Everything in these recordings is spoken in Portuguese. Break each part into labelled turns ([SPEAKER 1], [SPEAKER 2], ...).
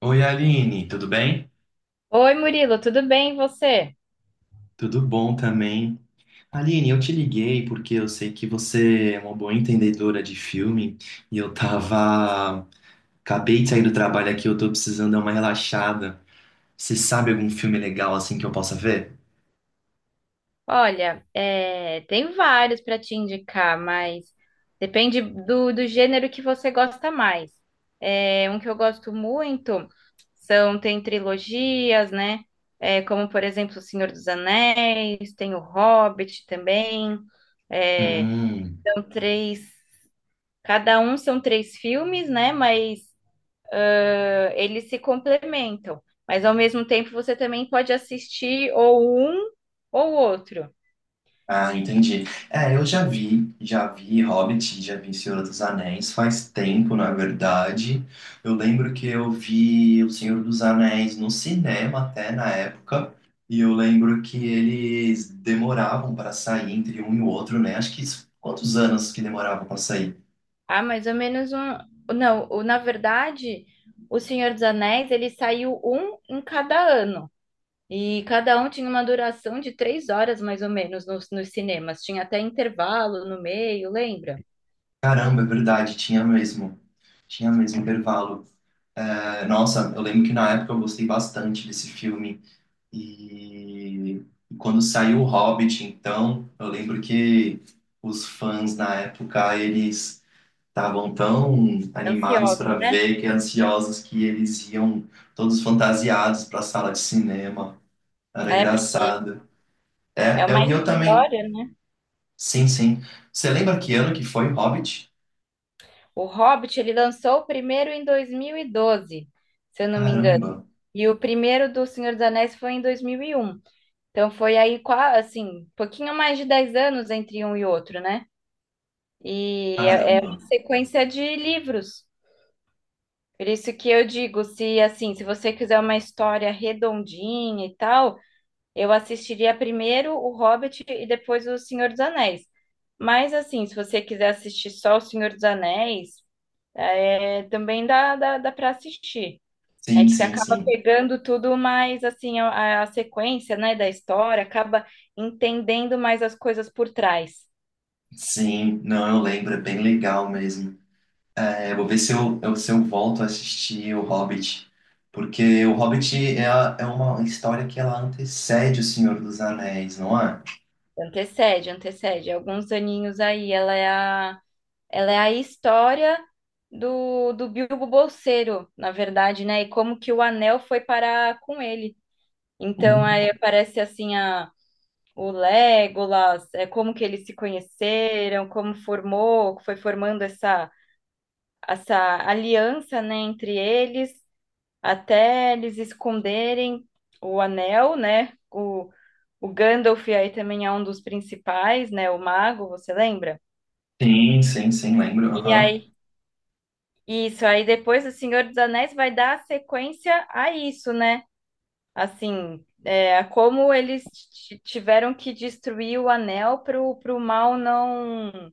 [SPEAKER 1] Oi, Aline, tudo bem?
[SPEAKER 2] Oi, Murilo, tudo bem? E você?
[SPEAKER 1] Tudo bom também. Aline, eu te liguei porque eu sei que você é uma boa entendedora de filme e eu tava. Acabei de sair do trabalho aqui, eu tô precisando dar uma relaxada. Você sabe algum filme legal assim que eu possa ver?
[SPEAKER 2] Olha, tem vários para te indicar, mas depende do gênero que você gosta mais. É, um que eu gosto muito são, tem trilogias, né? É, como, por exemplo, O Senhor dos Anéis, tem O Hobbit também. É,
[SPEAKER 1] Hum.
[SPEAKER 2] são três, cada um são três filmes, né? Mas eles se complementam. Mas ao mesmo tempo você também pode assistir ou um ou outro.
[SPEAKER 1] Ah, entendi. É, eu já vi Hobbit, já vi Senhor dos Anéis, faz tempo, na verdade. Eu lembro que eu vi O Senhor dos Anéis no cinema até na época, e eu lembro que eles demoravam para sair entre um e o outro, né? Acho que quantos anos que demoravam para sair?
[SPEAKER 2] Ah, mais ou menos um. Não, na verdade, O Senhor dos Anéis, ele saiu um em cada ano. E cada um tinha uma duração de 3 horas, mais ou menos, nos cinemas. Tinha até intervalo no meio, lembra?
[SPEAKER 1] Caramba, é verdade, tinha mesmo. Tinha mesmo intervalo. É, nossa, eu lembro que na época eu gostei bastante desse filme. E quando saiu o Hobbit, então, eu lembro que os fãs na época, eles estavam tão animados
[SPEAKER 2] Ansiosos,
[SPEAKER 1] para
[SPEAKER 2] né?
[SPEAKER 1] ver que ansiosos que eles iam todos fantasiados para a sala de cinema. Era
[SPEAKER 2] É, porque
[SPEAKER 1] engraçado.
[SPEAKER 2] é
[SPEAKER 1] É,
[SPEAKER 2] uma
[SPEAKER 1] e eu também.
[SPEAKER 2] história, né?
[SPEAKER 1] Sim, sim. Você lembra que ano que foi o Hobbit?
[SPEAKER 2] O Hobbit, ele lançou o primeiro em 2012, se eu não me engano.
[SPEAKER 1] Caramba,
[SPEAKER 2] E o primeiro do Senhor dos Anéis foi em 2001. Então foi aí, assim, pouquinho mais de 10 anos entre um e outro, né? E é
[SPEAKER 1] caramba.
[SPEAKER 2] uma sequência de livros. Por isso que eu digo, se assim, se você quiser uma história redondinha e tal, eu assistiria primeiro O Hobbit e depois O Senhor dos Anéis. Mas assim, se você quiser assistir só O Senhor dos Anéis, também dá, dá para assistir. É
[SPEAKER 1] Sim,
[SPEAKER 2] que você
[SPEAKER 1] sim,
[SPEAKER 2] acaba
[SPEAKER 1] sim.
[SPEAKER 2] pegando tudo mais assim, a sequência, né, da história, acaba entendendo mais as coisas por trás.
[SPEAKER 1] Sim, não, eu lembro, é bem legal mesmo. É, vou ver se se eu volto a assistir O Hobbit, porque O Hobbit é, é uma história que ela antecede O Senhor dos Anéis, não é?
[SPEAKER 2] Antecede, antecede. Alguns aninhos aí. Ela é a história do Bilbo Bolseiro, na verdade, né? E como que o anel foi parar com ele. Então,
[SPEAKER 1] Hum.
[SPEAKER 2] aí aparece assim a, o Legolas, como que eles se conheceram, como formou, foi formando essa aliança, né, entre eles, até eles esconderem o anel, né? O Gandalf aí também é um dos principais, né? O mago, você lembra?
[SPEAKER 1] Sim, sim, sim, lembro.
[SPEAKER 2] E
[SPEAKER 1] Aham.
[SPEAKER 2] aí, isso, aí depois o Senhor dos Anéis vai dar sequência a isso, né? Assim, é, a como eles tiveram que destruir o anel para o mal não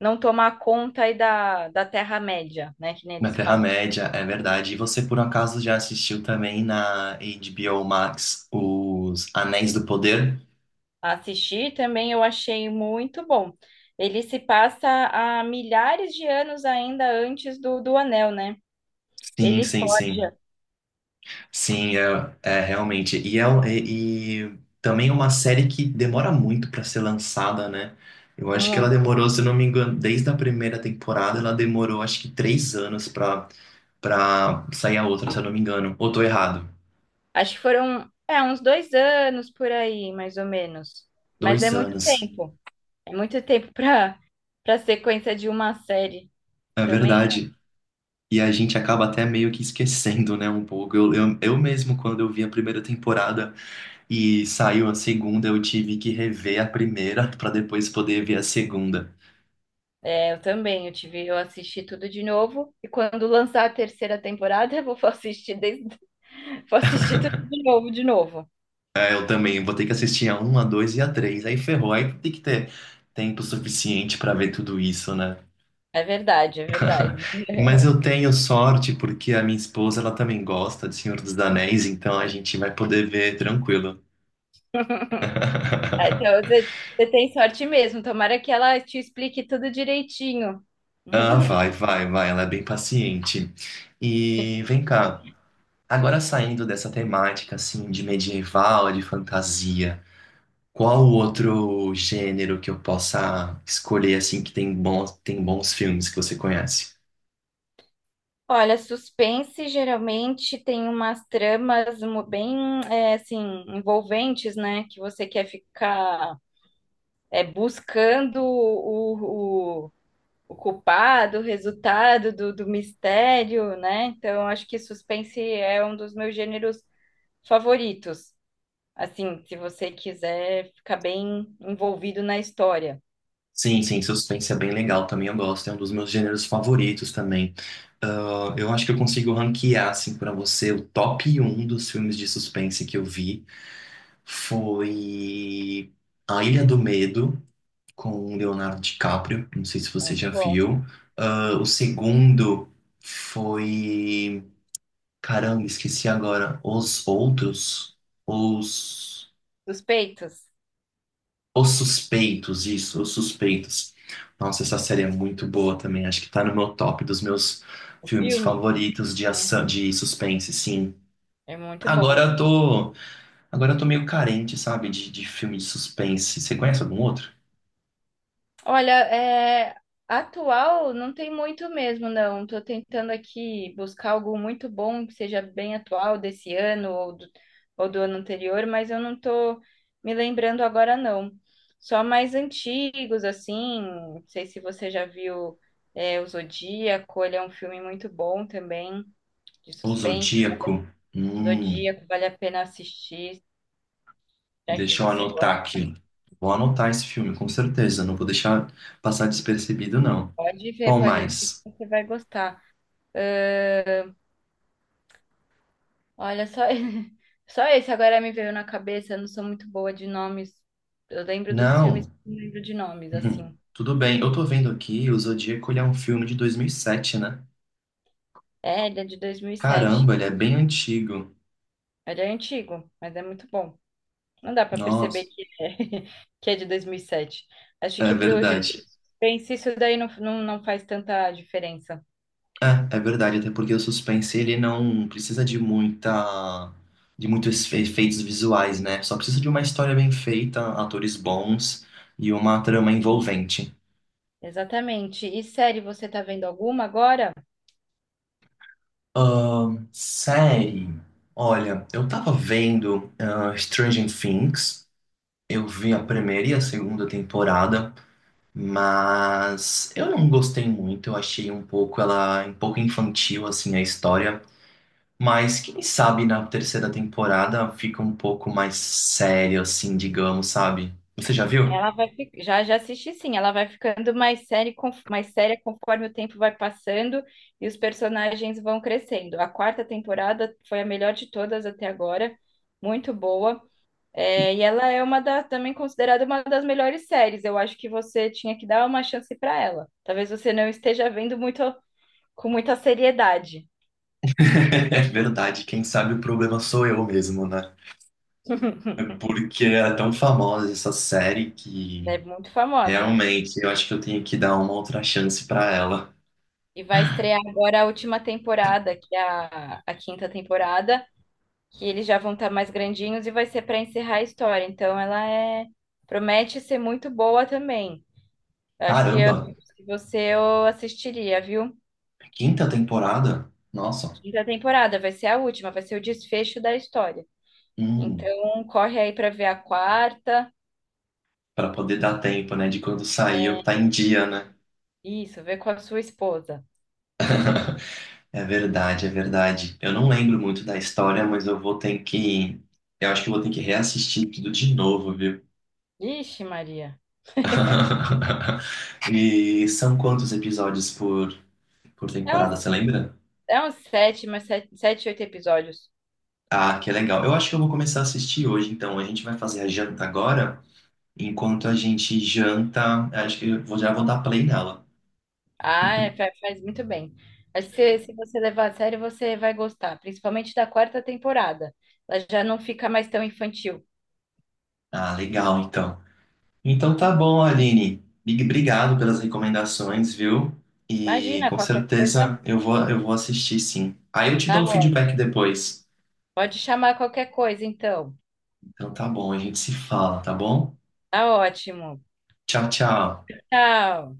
[SPEAKER 2] não tomar conta aí da Terra-média, né? Que nem
[SPEAKER 1] Na
[SPEAKER 2] eles falam.
[SPEAKER 1] Terra-média, é verdade. E você, por acaso, já assistiu também na HBO Max Os Anéis do Poder?
[SPEAKER 2] Assistir também eu achei muito bom. Ele se passa há milhares de anos ainda antes do anel, né?
[SPEAKER 1] Sim,
[SPEAKER 2] Ele
[SPEAKER 1] sim, sim.
[SPEAKER 2] forja.
[SPEAKER 1] Sim, é realmente. E, e também é uma série que demora muito para ser lançada, né? Eu acho que ela
[SPEAKER 2] Muito.
[SPEAKER 1] demorou, se eu não me engano, desde a primeira temporada, ela demorou acho que 3 anos para sair a outra, se eu não me engano. Ou tô errado?
[SPEAKER 2] Acho que foram, uns 2 anos por aí, mais ou menos. Mas é
[SPEAKER 1] Dois
[SPEAKER 2] muito
[SPEAKER 1] anos.
[SPEAKER 2] tempo. É muito tempo para para sequência de uma série.
[SPEAKER 1] É
[SPEAKER 2] Também,
[SPEAKER 1] verdade. E a gente acaba até meio que esquecendo, né, um pouco. Eu mesmo, quando eu vi a primeira temporada e saiu a segunda, eu tive que rever a primeira para depois poder ver a segunda.
[SPEAKER 2] é, eu também, eu assisti tudo de novo e quando lançar a terceira temporada, eu vou assistir desde, vou assistir tudo de novo, de novo.
[SPEAKER 1] Aí eu também vou ter que assistir a um, a 2 e a três. Aí ferrou, aí tem que ter tempo suficiente para ver tudo isso, né?
[SPEAKER 2] É verdade, é verdade.
[SPEAKER 1] Mas eu tenho sorte porque a minha esposa, ela também gosta de Senhor dos Anéis, então a gente vai poder ver tranquilo.
[SPEAKER 2] Ah, então, você, você tem sorte mesmo. Tomara que ela te explique tudo direitinho.
[SPEAKER 1] Ah, vai, vai, vai, ela é bem paciente. E vem cá, agora saindo dessa temática assim de medieval, de fantasia, qual o outro gênero que eu possa escolher assim que tem bons filmes que você conhece?
[SPEAKER 2] Olha, suspense geralmente tem umas tramas bem, assim, envolventes, né? Que você quer ficar buscando o culpado, o resultado do mistério, né? Então, acho que suspense é um dos meus gêneros favoritos. Assim, se você quiser ficar bem envolvido na história.
[SPEAKER 1] Sim, sim, suspense é bem legal também, eu gosto, é um dos meus gêneros favoritos também. Ah, eu acho que eu consigo ranquear, assim, pra você, o top um dos filmes de suspense que eu vi foi A Ilha do Medo, com o Leonardo DiCaprio, não sei se você
[SPEAKER 2] Muito
[SPEAKER 1] já
[SPEAKER 2] bom.
[SPEAKER 1] viu. Ah, o segundo foi, caramba, esqueci agora, Os Outros, Os...
[SPEAKER 2] Suspeitos,
[SPEAKER 1] Os Suspeitos, isso, Os Suspeitos. Nossa, essa série é muito boa também. Acho que tá no meu top dos meus
[SPEAKER 2] o
[SPEAKER 1] filmes
[SPEAKER 2] filme.
[SPEAKER 1] favoritos de
[SPEAKER 2] Hum,
[SPEAKER 1] ação, de suspense, sim.
[SPEAKER 2] É muito bom
[SPEAKER 1] Agora
[SPEAKER 2] esse.
[SPEAKER 1] eu tô, agora eu tô meio carente, sabe, de filme de suspense. Você conhece algum outro?
[SPEAKER 2] Olha, atual não tem muito mesmo, não. Tô tentando aqui buscar algo muito bom que seja bem atual desse ano ou do ano anterior, mas eu não tô me lembrando agora, não. Só mais antigos, assim. Não sei se você já viu O Zodíaco, ele é um filme muito bom também, de
[SPEAKER 1] O
[SPEAKER 2] suspense.
[SPEAKER 1] Zodíaco? Hum,
[SPEAKER 2] Zodíaco, vale a pena assistir, já que
[SPEAKER 1] deixa eu
[SPEAKER 2] você
[SPEAKER 1] anotar
[SPEAKER 2] gosta.
[SPEAKER 1] aqui. Vou anotar esse filme, com certeza. Não vou deixar passar despercebido, não. Qual
[SPEAKER 2] Pode ver, que
[SPEAKER 1] mais?
[SPEAKER 2] você vai gostar. Olha, só, só esse agora me veio na cabeça. Eu não sou muito boa de nomes. Eu lembro dos filmes,
[SPEAKER 1] Não.
[SPEAKER 2] mas não lembro de nomes,
[SPEAKER 1] Uhum.
[SPEAKER 2] assim.
[SPEAKER 1] Tudo bem. Eu tô vendo aqui, o Zodíaco, ele é um filme de 2007, né?
[SPEAKER 2] É, ele é de 2007.
[SPEAKER 1] Caramba, ele é bem antigo.
[SPEAKER 2] Ele é antigo, mas é muito bom. Não dá pra perceber
[SPEAKER 1] Nossa,
[SPEAKER 2] que é, que é de 2007. Acho
[SPEAKER 1] é
[SPEAKER 2] que pro gênero de
[SPEAKER 1] verdade.
[SPEAKER 2] suspense, isso daí não, não faz tanta diferença.
[SPEAKER 1] É, é verdade, até porque o suspense ele não precisa de muita de muitos efeitos visuais, né? Só precisa de uma história bem feita, atores bons e uma trama
[SPEAKER 2] Sim.
[SPEAKER 1] envolvente.
[SPEAKER 2] Exatamente. E série, você tá vendo alguma agora?
[SPEAKER 1] Série. Olha, eu tava vendo Stranger Things. Eu vi a primeira e a segunda temporada, mas eu não gostei muito. Eu achei um pouco ela um pouco infantil assim a história. Mas quem sabe na terceira temporada fica um pouco mais sério, assim, digamos, sabe? Você já viu?
[SPEAKER 2] Já já assisti, sim, ela vai ficando mais séria mais séria conforme o tempo vai passando e os personagens vão crescendo. A quarta temporada foi a melhor de todas até agora, muito boa. E ela é uma da, também considerada uma das melhores séries. Eu acho que você tinha que dar uma chance para ela. Talvez você não esteja vendo muito com muita seriedade.
[SPEAKER 1] É verdade, quem sabe o problema sou eu mesmo, né? É. Porque é tão famosa essa série que
[SPEAKER 2] Ela é muito famosa.
[SPEAKER 1] realmente eu acho que eu tenho que dar uma outra chance pra ela.
[SPEAKER 2] E vai estrear agora a última temporada, que é a quinta temporada, que eles já vão estar mais grandinhos e vai ser para encerrar a história. Então ela é promete ser muito boa também. Eu acho que
[SPEAKER 1] Caramba,
[SPEAKER 2] se você, eu assistiria, viu?
[SPEAKER 1] quinta temporada? Nossa.
[SPEAKER 2] Quinta temporada vai ser a última, vai ser o desfecho da história.
[SPEAKER 1] hum,
[SPEAKER 2] Então corre aí para ver a quarta.
[SPEAKER 1] Para poder dar tempo, né, de quando sair eu tá em dia, né?
[SPEAKER 2] Isso, vê com a sua esposa.
[SPEAKER 1] É verdade, é verdade. Eu não lembro muito da história, mas eu vou ter que. Eu acho que eu vou ter que reassistir tudo de novo, viu?
[SPEAKER 2] Ixi, Maria.
[SPEAKER 1] E são quantos episódios por
[SPEAKER 2] É
[SPEAKER 1] temporada,
[SPEAKER 2] uns,
[SPEAKER 1] você lembra?
[SPEAKER 2] é uns sete, mas oito episódios.
[SPEAKER 1] Ah, que legal. Eu acho que eu vou começar a assistir hoje, então. A gente vai fazer a janta agora. Enquanto a gente janta, acho que já vou dar play nela.
[SPEAKER 2] Ah, faz muito bem. Acho que se você levar a sério, você vai gostar, principalmente da quarta temporada. Ela já não fica mais tão infantil.
[SPEAKER 1] Ah, legal, então. Então tá bom, Aline. Obrigado pelas recomendações, viu? E
[SPEAKER 2] Imagina,
[SPEAKER 1] com
[SPEAKER 2] qualquer coisa,
[SPEAKER 1] certeza eu vou assistir sim. Aí eu te dou
[SPEAKER 2] tá
[SPEAKER 1] um feedback
[SPEAKER 2] ótimo.
[SPEAKER 1] depois.
[SPEAKER 2] Pode chamar qualquer coisa, então.
[SPEAKER 1] Então tá bom, a gente se fala, tá bom?
[SPEAKER 2] Tá ótimo.
[SPEAKER 1] Tchau, tchau.
[SPEAKER 2] Tchau.